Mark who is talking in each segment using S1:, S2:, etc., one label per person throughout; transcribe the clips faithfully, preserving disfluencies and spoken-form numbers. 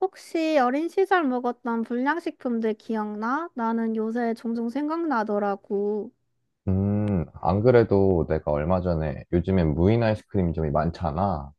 S1: 혹시 어린 시절 먹었던 불량식품들 기억나? 나는 요새 종종 생각나더라고.
S2: 음, 안 그래도 내가 얼마 전에 요즘엔 무인 아이스크림점이 많잖아.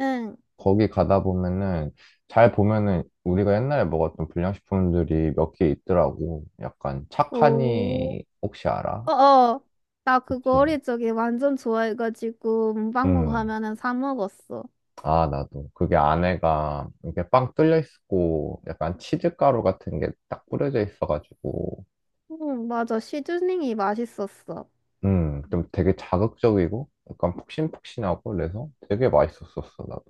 S1: 응.
S2: 거기 가다 보면은 잘 보면은 우리가 옛날에 먹었던 불량식품들이 몇 개 있더라고. 약간
S1: 오.
S2: 착하니 혹시 알아?
S1: 어어. 나 그거
S2: 그치?
S1: 어릴 적에 완전 좋아해가지고 문방구
S2: 음.
S1: 가면은 사 먹었어.
S2: 아, 나도. 그게 안에가 이렇게 빵 뚫려 있고 약간 치즈가루 같은 게 딱 뿌려져 있어가지고
S1: 응, 맞아. 시즈닝이 맛있었어.
S2: 음, 좀 되게 자극적이고 약간 폭신폭신하고 그래서 되게 맛있었었어, 나도.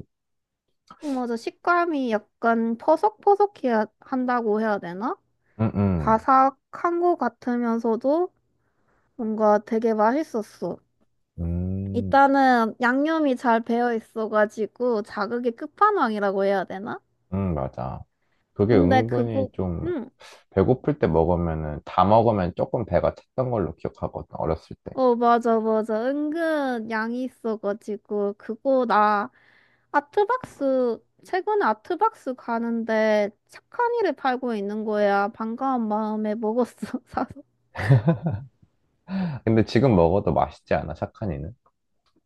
S1: 응, 맞아. 식감이 약간 퍼석퍼석해야 한다고 해야 되나?
S2: 음, 음.
S1: 바삭한 거 같으면서도 뭔가 되게 맛있었어.
S2: 음.
S1: 일단은 양념이 잘 배어 있어가지고 자극의 끝판왕이라고 해야 되나?
S2: 음, 맞아. 그게
S1: 근데 그거,
S2: 은근히 좀
S1: 응.
S2: 배고플 때 먹으면은 다 먹으면 조금 배가 찼던 걸로 기억하거든, 어렸을 때.
S1: 어, 맞아, 맞아. 은근 양이 있어가지고 그거 나 아트박스, 최근에 아트박스 가는데 착한 이를 팔고 있는 거야. 반가운 마음에 먹었어, 사서.
S2: 근데 지금 먹어도 맛있지 않아, 착한이는?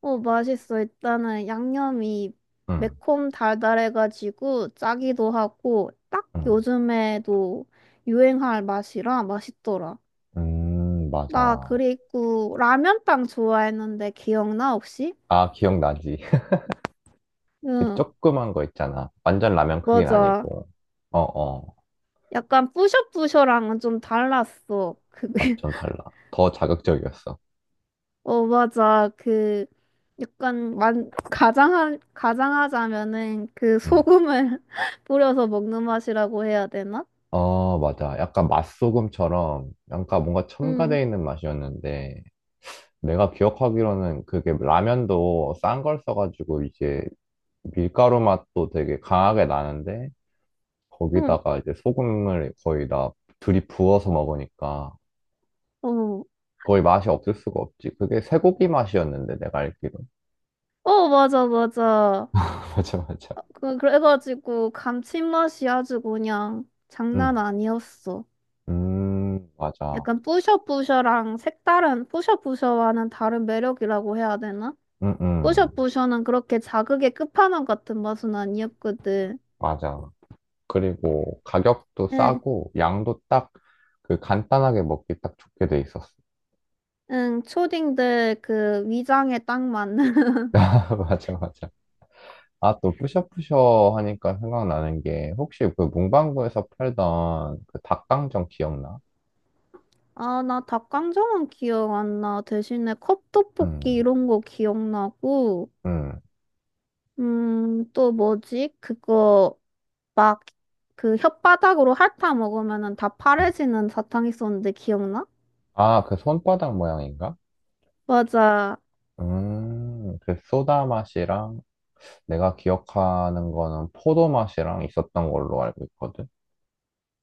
S1: 어, 맛있어. 일단은 양념이
S2: 응,
S1: 매콤 달달해가지고 짜기도 하고 딱
S2: 응.
S1: 요즘에도 유행할 맛이라 맛있더라.
S2: 음,
S1: 나
S2: 맞아.
S1: 그리고 라면빵 좋아했는데 기억나 혹시?
S2: 아, 기억나지. 그
S1: 응,
S2: 조그만 거 있잖아. 완전 라면 크긴
S1: 맞아.
S2: 아니고. 어, 어.
S1: 약간 뿌셔뿌셔랑은 좀 달랐어. 그게
S2: 완전 달라. 더 자극적이었어.
S1: 어 맞아. 그 약간 만 가장한 가장하자면은 그
S2: 응.
S1: 소금을 뿌려서 먹는 맛이라고 해야 되나?
S2: 어, 맞아. 약간 맛소금처럼, 약간 뭔가
S1: 응,
S2: 첨가돼 있는 맛이었는데, 내가 기억하기로는 그게 라면도 싼 걸 써가지고 이제 밀가루 맛도 되게 강하게 나는데
S1: 응,
S2: 거기다가 이제 소금을 거의 다 들이 부어서 먹으니까
S1: 어,
S2: 거의 맛이 없을 수가 없지. 그게 쇠고기 맛이었는데 내가 알기로.
S1: 어 맞아 맞아.
S2: 맞아, 맞아.
S1: 그 그래가지고 감칠맛이 아주 그냥
S2: 음.
S1: 장난 아니었어.
S2: 음, 맞아.
S1: 약간 뿌셔뿌셔랑 색다른 뿌셔뿌셔와는 다른 매력이라고 해야 되나?
S2: 응, 응.
S1: 뿌셔뿌셔는 그렇게 자극의 끝판왕 같은 맛은 아니었거든.
S2: 맞아. 그리고 가격도
S1: 응,
S2: 싸고 양도 딱 그 간단하게 먹기 딱 좋게 돼 있었어.
S1: 응, 초딩들 그 위장에 딱 맞는.
S2: 맞아, 맞아. 아, 또 뿌셔뿌셔 하니까 생각나는 게 혹시 그 문방구에서 팔던 그 닭강정 기억나?
S1: 아, 나 닭강정은 기억 안 나. 대신에 컵떡볶이
S2: 음,
S1: 이런 거 기억나고.
S2: 음.
S1: 음, 또 뭐지? 그거 막 그 혓바닥으로 핥아 먹으면은 다
S2: 음.
S1: 파래지는 사탕 있었는데 기억나?
S2: 아, 그 손바닥 모양인가?
S1: 맞아.
S2: 음, 그 소다 맛이랑 내가 기억하는 거는 포도 맛이랑 있었던 걸로 알고 있거든.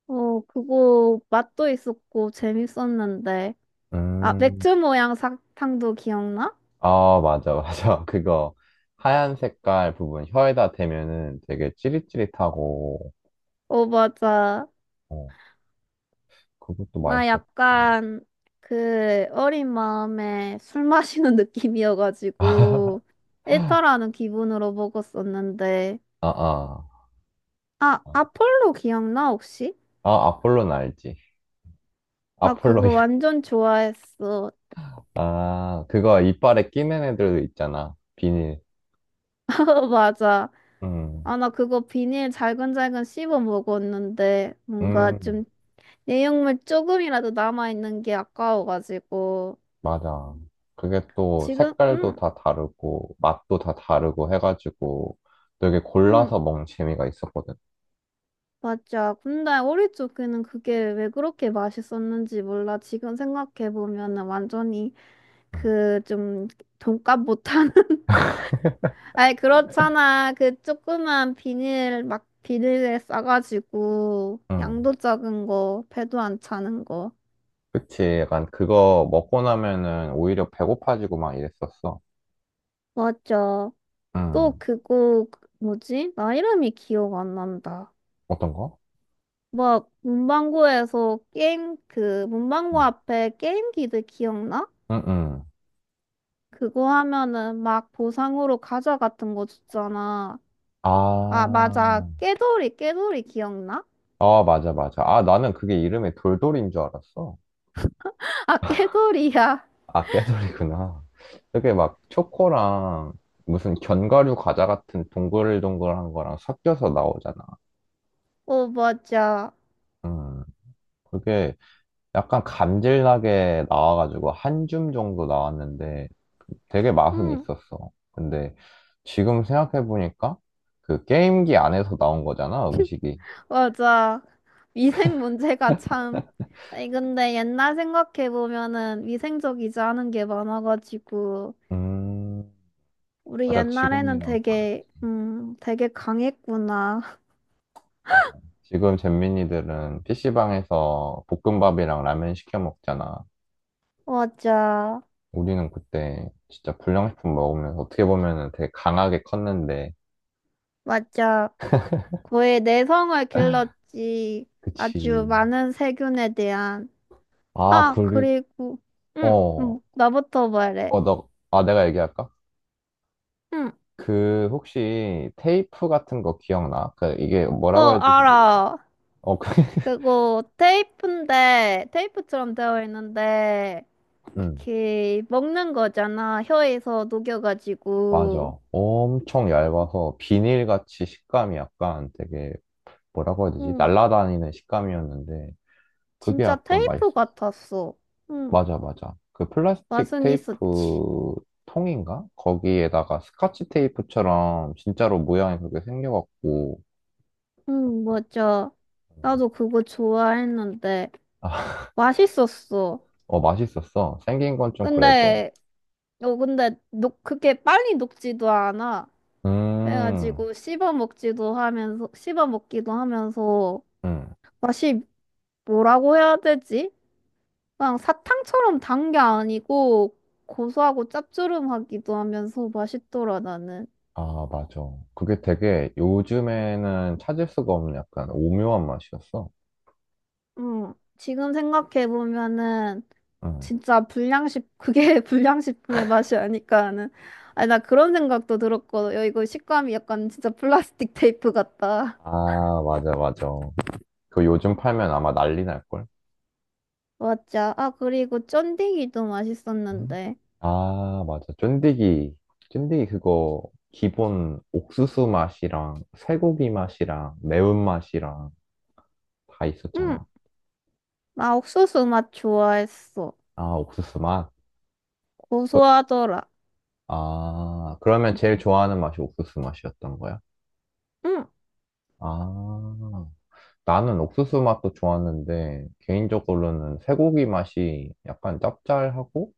S1: 어, 그거 맛도 있었고 재밌었는데. 아,
S2: 음,
S1: 맥주 모양 사탕도 기억나?
S2: 아, 맞아, 맞아. 그거 하얀 색깔 부분 혀에다 대면은 되게 찌릿찌릿하고,
S1: 어, 맞아.
S2: 어, 그것도
S1: 나
S2: 맛있었고.
S1: 약간 그 어린 마음에 술 마시는
S2: 아,
S1: 느낌이어가지고 일탈하는 기분으로 먹었었는데.
S2: 아.
S1: 아, 아폴로 기억나 혹시?
S2: 아, 아폴는 알지?
S1: 나 그거
S2: 아폴로야.
S1: 완전 좋아했어.
S2: 아, 그거 이빨에 끼는 애들 있잖아. 비닐.
S1: 어, 맞아.
S2: 음,
S1: 아, 나 그거 비닐 잘근잘근 씹어 먹었는데 뭔가
S2: 음,
S1: 좀 내용물 조금이라도 남아있는 게 아까워가지고.
S2: 맞아. 그게 또
S1: 지금,
S2: 색깔도
S1: 응,
S2: 다 다르고, 맛도 다 다르고 해가지고 되게
S1: 응,
S2: 골라서 먹는 재미가 있었거든.
S1: 맞아. 근데 우리 쪽에는 그게 왜 그렇게 맛있었는지 몰라. 지금 생각해보면은 완전히
S2: 음,
S1: 그 좀 돈값 못하는. 아니 그렇잖아 그 조그만 비닐 막 비닐에 싸가지고
S2: 음.
S1: 양도 작은 거 배도 안 차는 거.
S2: 그치. 약간 그거 먹고 나면은 오히려 배고파지고 막 이랬었어.
S1: 맞아. 또
S2: 음.
S1: 그거 뭐지, 나 이름이 기억 안 난다.
S2: 어떤 거?
S1: 막 문방구에서 게임 그
S2: 응.
S1: 문방구 앞에 게임기들 기억나?
S2: 음. 음.
S1: 그거 하면은 막 보상으로 과자 같은 거 줬잖아. 아,
S2: 아,
S1: 맞아. 깨돌이, 깨돌이 기억나?
S2: 아, 맞아, 맞아. 아, 나는 그게 이름이 돌돌인 줄 알았어.
S1: 아, 깨돌이야.
S2: 아, 깨돌이구나. 그게막 초코랑 무슨 견과류 과자 같은 동글동글한 거랑 섞여서 나오잖아.
S1: 어, 맞아.
S2: 음, 그게 약간 감질나게 나와가지고 한줌 정도 나왔는데 되게 맛은
S1: 응,
S2: 있었어. 근데 지금 생각해보니까 그 게임기 안에서 나온 거잖아, 음식이.
S1: 맞아. 위생 문제가 참. 아니, 근데 옛날 생각해보면은 위생적이지 않은 게 많아가지고,
S2: 음,
S1: 우리
S2: 맞아.
S1: 옛날에는
S2: 지금이랑 다르
S1: 되게, 음, 되게 강했구나.
S2: 맞아. 지금 잼민이들은 피씨방에서 볶음밥이랑 라면 시켜 먹잖아.
S1: 맞아.
S2: 우리는 그때 진짜 불량식품 먹으면서 어떻게 보면은 되게 강하게 컸는데,
S1: 맞아. 그의 내성을 길렀지.
S2: 그치.
S1: 아주 많은 세균에 대한.
S2: 아,
S1: 아,
S2: 그리고,
S1: 그리고, 응,
S2: 어,
S1: 응, 나부터 말해.
S2: 어, 너, 아, 내가 얘기할까?
S1: 응,
S2: 그, 혹시 테이프 같은 거 기억나? 그, 이게
S1: 어,
S2: 뭐라고 해야 되지? 모르겠-
S1: 알아.
S2: 어, 그,
S1: 그거 테이프인데, 테이프처럼 되어 있는데,
S2: 응,
S1: 그, 먹는 거잖아. 혀에서 녹여가지고.
S2: 맞아. 엄청 얇아서 비닐같이 식감이 약간 되게, 뭐라고 해야 되지?
S1: 응,
S2: 날라다니는 식감이었는데, 그게
S1: 진짜
S2: 약간 맛있어.
S1: 테이프 같았어. 응,
S2: 맞아, 맞아. 그 플라스틱
S1: 맛은 있었지.
S2: 테이프 통인가? 거기에다가 스카치 테이프처럼 진짜로 모양이 그렇게 생겨갖고,
S1: 응, 맞아. 나도 그거 좋아했는데,
S2: 아,
S1: 맛있었어.
S2: 어, 맛있었어. 생긴 건 좀 그래도.
S1: 근데 어 근데 녹 그게 빨리 녹지도 않아.
S2: 음,
S1: 그래가지고 씹어 먹지도 하면서 씹어 먹기도 하면서
S2: 음.
S1: 맛이 뭐라고 해야 되지? 그냥 사탕처럼 단 게 아니고 고소하고 짭조름하기도 하면서 맛있더라 나는.
S2: 아, 맞아. 그게 되게 요즘에는 찾을 수가 없는 약간 오묘한 맛이었어.
S1: 응, 지금 생각해 보면은
S2: 음.
S1: 진짜 불량식 그게 불량식품의 맛이 아닐까 하는. 아니 나 그런 생각도 들었거든. 야, 이거 식감이 약간 진짜 플라스틱 테이프 같다.
S2: 아, 맞아, 맞아. 그 요즘 팔면 아마 난리 날걸?
S1: 맞아. 아, 그리고 쫀디기도
S2: 음.
S1: 맛있었는데.
S2: 아, 맞아. 쫀디기. 쫀디기 그거 기본 옥수수 맛이랑 쇠고기 맛이랑 매운맛이랑 다
S1: 응,
S2: 있었잖아.
S1: 나 옥수수 맛 좋아했어.
S2: 아, 옥수수 맛?
S1: 고소하더라.
S2: 아, 그러면 제일 좋아하는 맛이 옥수수 맛이었던 거야?
S1: 응.
S2: 아, 나는 옥수수 맛도 좋았는데 개인적으로는 쇠고기 맛이 약간 짭짤하고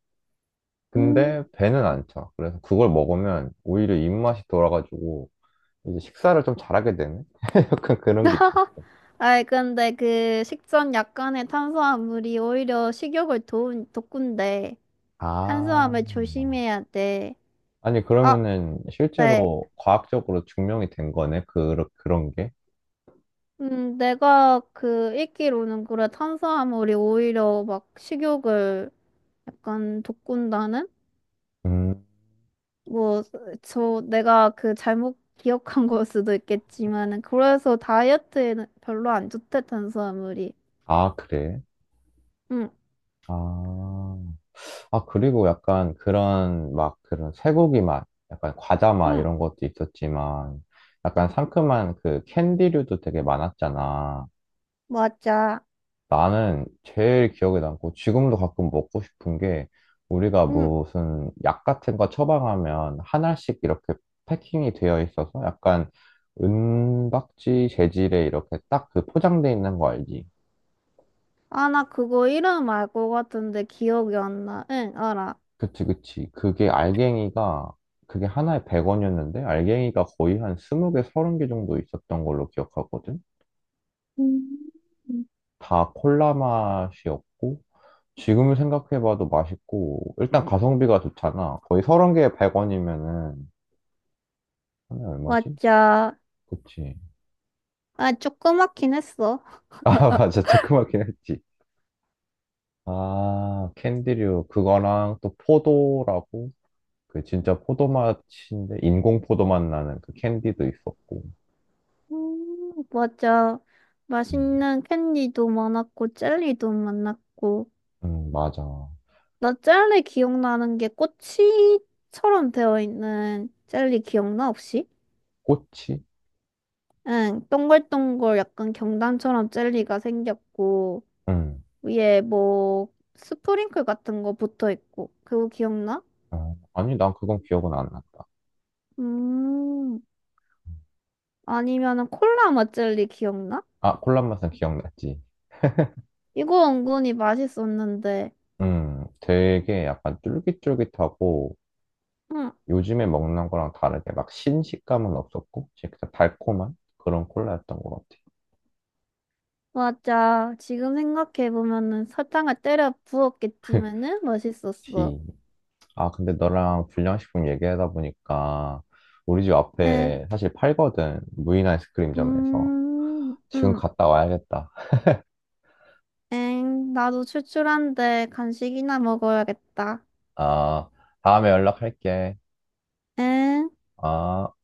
S1: 음.
S2: 근데 배는 안 차. 그래서 그걸 먹으면 오히려 입맛이 돌아가지고 이제 식사를 좀 잘하게 되는? 약간 그런 게
S1: 아이, 근데 그 식전 약간의 탄수화물이 오히려 식욕을 도운, 돋군데.
S2: 아,
S1: 탄수화물 조심해야 돼.
S2: 아니,
S1: 아,
S2: 그러면은
S1: 네.
S2: 실제로 과학적으로 증명이 된 거네? 그, 그런 게?
S1: 음, 내가 그 읽기로는 그래. 탄수화물이 오히려 막 식욕을 약간 돋군다는?
S2: 음,
S1: 뭐, 저, 내가 그 잘못 기억한 걸 수도 있겠지만은, 그래서 다이어트에는 별로 안 좋대, 탄수화물이.
S2: 아, 그래?
S1: 응,
S2: 아, 아, 그리고 약간 그런, 막, 그런 쇠고기 맛, 약간 과자 맛
S1: 응,
S2: 이런 것도 있었지만, 약간 상큼한 그 캔디류도 되게 많았잖아.
S1: 맞아.
S2: 나는 제일 기억에 남고 지금도 가끔 먹고 싶은 게 우리가
S1: 응.
S2: 무슨 약 같은 거 처방하면 하나씩 이렇게 패킹이 되어 있어서 약간 은박지 재질에 이렇게 딱 그 포장돼 있는 거 알지?
S1: 아, 나 그거 이름 알 것 같은데 기억이 안 나. 응, 알아.
S2: 그치, 그치. 그게 알갱이가 그게 하나에 백 원이었는데 알갱이가 거의 한 스무 개, 서른 개 정도 있었던 걸로 기억하거든.
S1: 음.
S2: 다 콜라 맛이었고, 지금 생각해봐도 맛있고, 일단 가성비가 좋잖아. 거의 서른 개에 백 원이면은, 하나에 얼마지?
S1: 맞아.
S2: 그치.
S1: 아, 조그맣긴 했어.
S2: 아, 맞아. 체크마긴 했지. 아, 캔디류. 그거랑 또 포도라고. 그 진짜 포도 맛인데, 인공 포도 맛 나는 그 캔디도 있었고.
S1: 음, 맞아.
S2: 음,
S1: 맛있는 캔디도 많았고, 젤리도 많았고.
S2: 음, 맞아.
S1: 나 젤리 기억나는 게 꼬치처럼 되어 있는 젤리 기억나 혹시?
S2: 꼬치?
S1: 응, 동글동글 약간 경단처럼 젤리가 생겼고
S2: 응.
S1: 위에 뭐 스프링클 같은 거 붙어 있고 그거 기억나?
S2: 어, 아니, 난 그건 기억은 안 났다.
S1: 음, 아니면은 콜라 맛 젤리 기억나?
S2: 아, 콜라 맛은 기억났지.
S1: 이거 은근히 맛있었는데.
S2: 음, 되게 약간 쫄깃쫄깃하고
S1: 응,
S2: 요즘에 먹는 거랑 다르게 막 신식감은 없었고 진짜 달콤한 그런 콜라였던 것 같아.
S1: 맞아. 지금 생각해 보면은 설탕을 때려 부었겠지만은 맛있었어.
S2: 지. 아, 근데 너랑 불량식품 얘기하다 보니까 우리 집
S1: 응,
S2: 앞에 사실 팔거든. 무인 아이스크림점에서.
S1: 음,
S2: 지금
S1: 응.
S2: 갔다 와야겠다.
S1: 엥, 나도 출출한데 간식이나 먹어야겠다.
S2: 아, 다음에 연락할게.
S1: 엥?
S2: 아.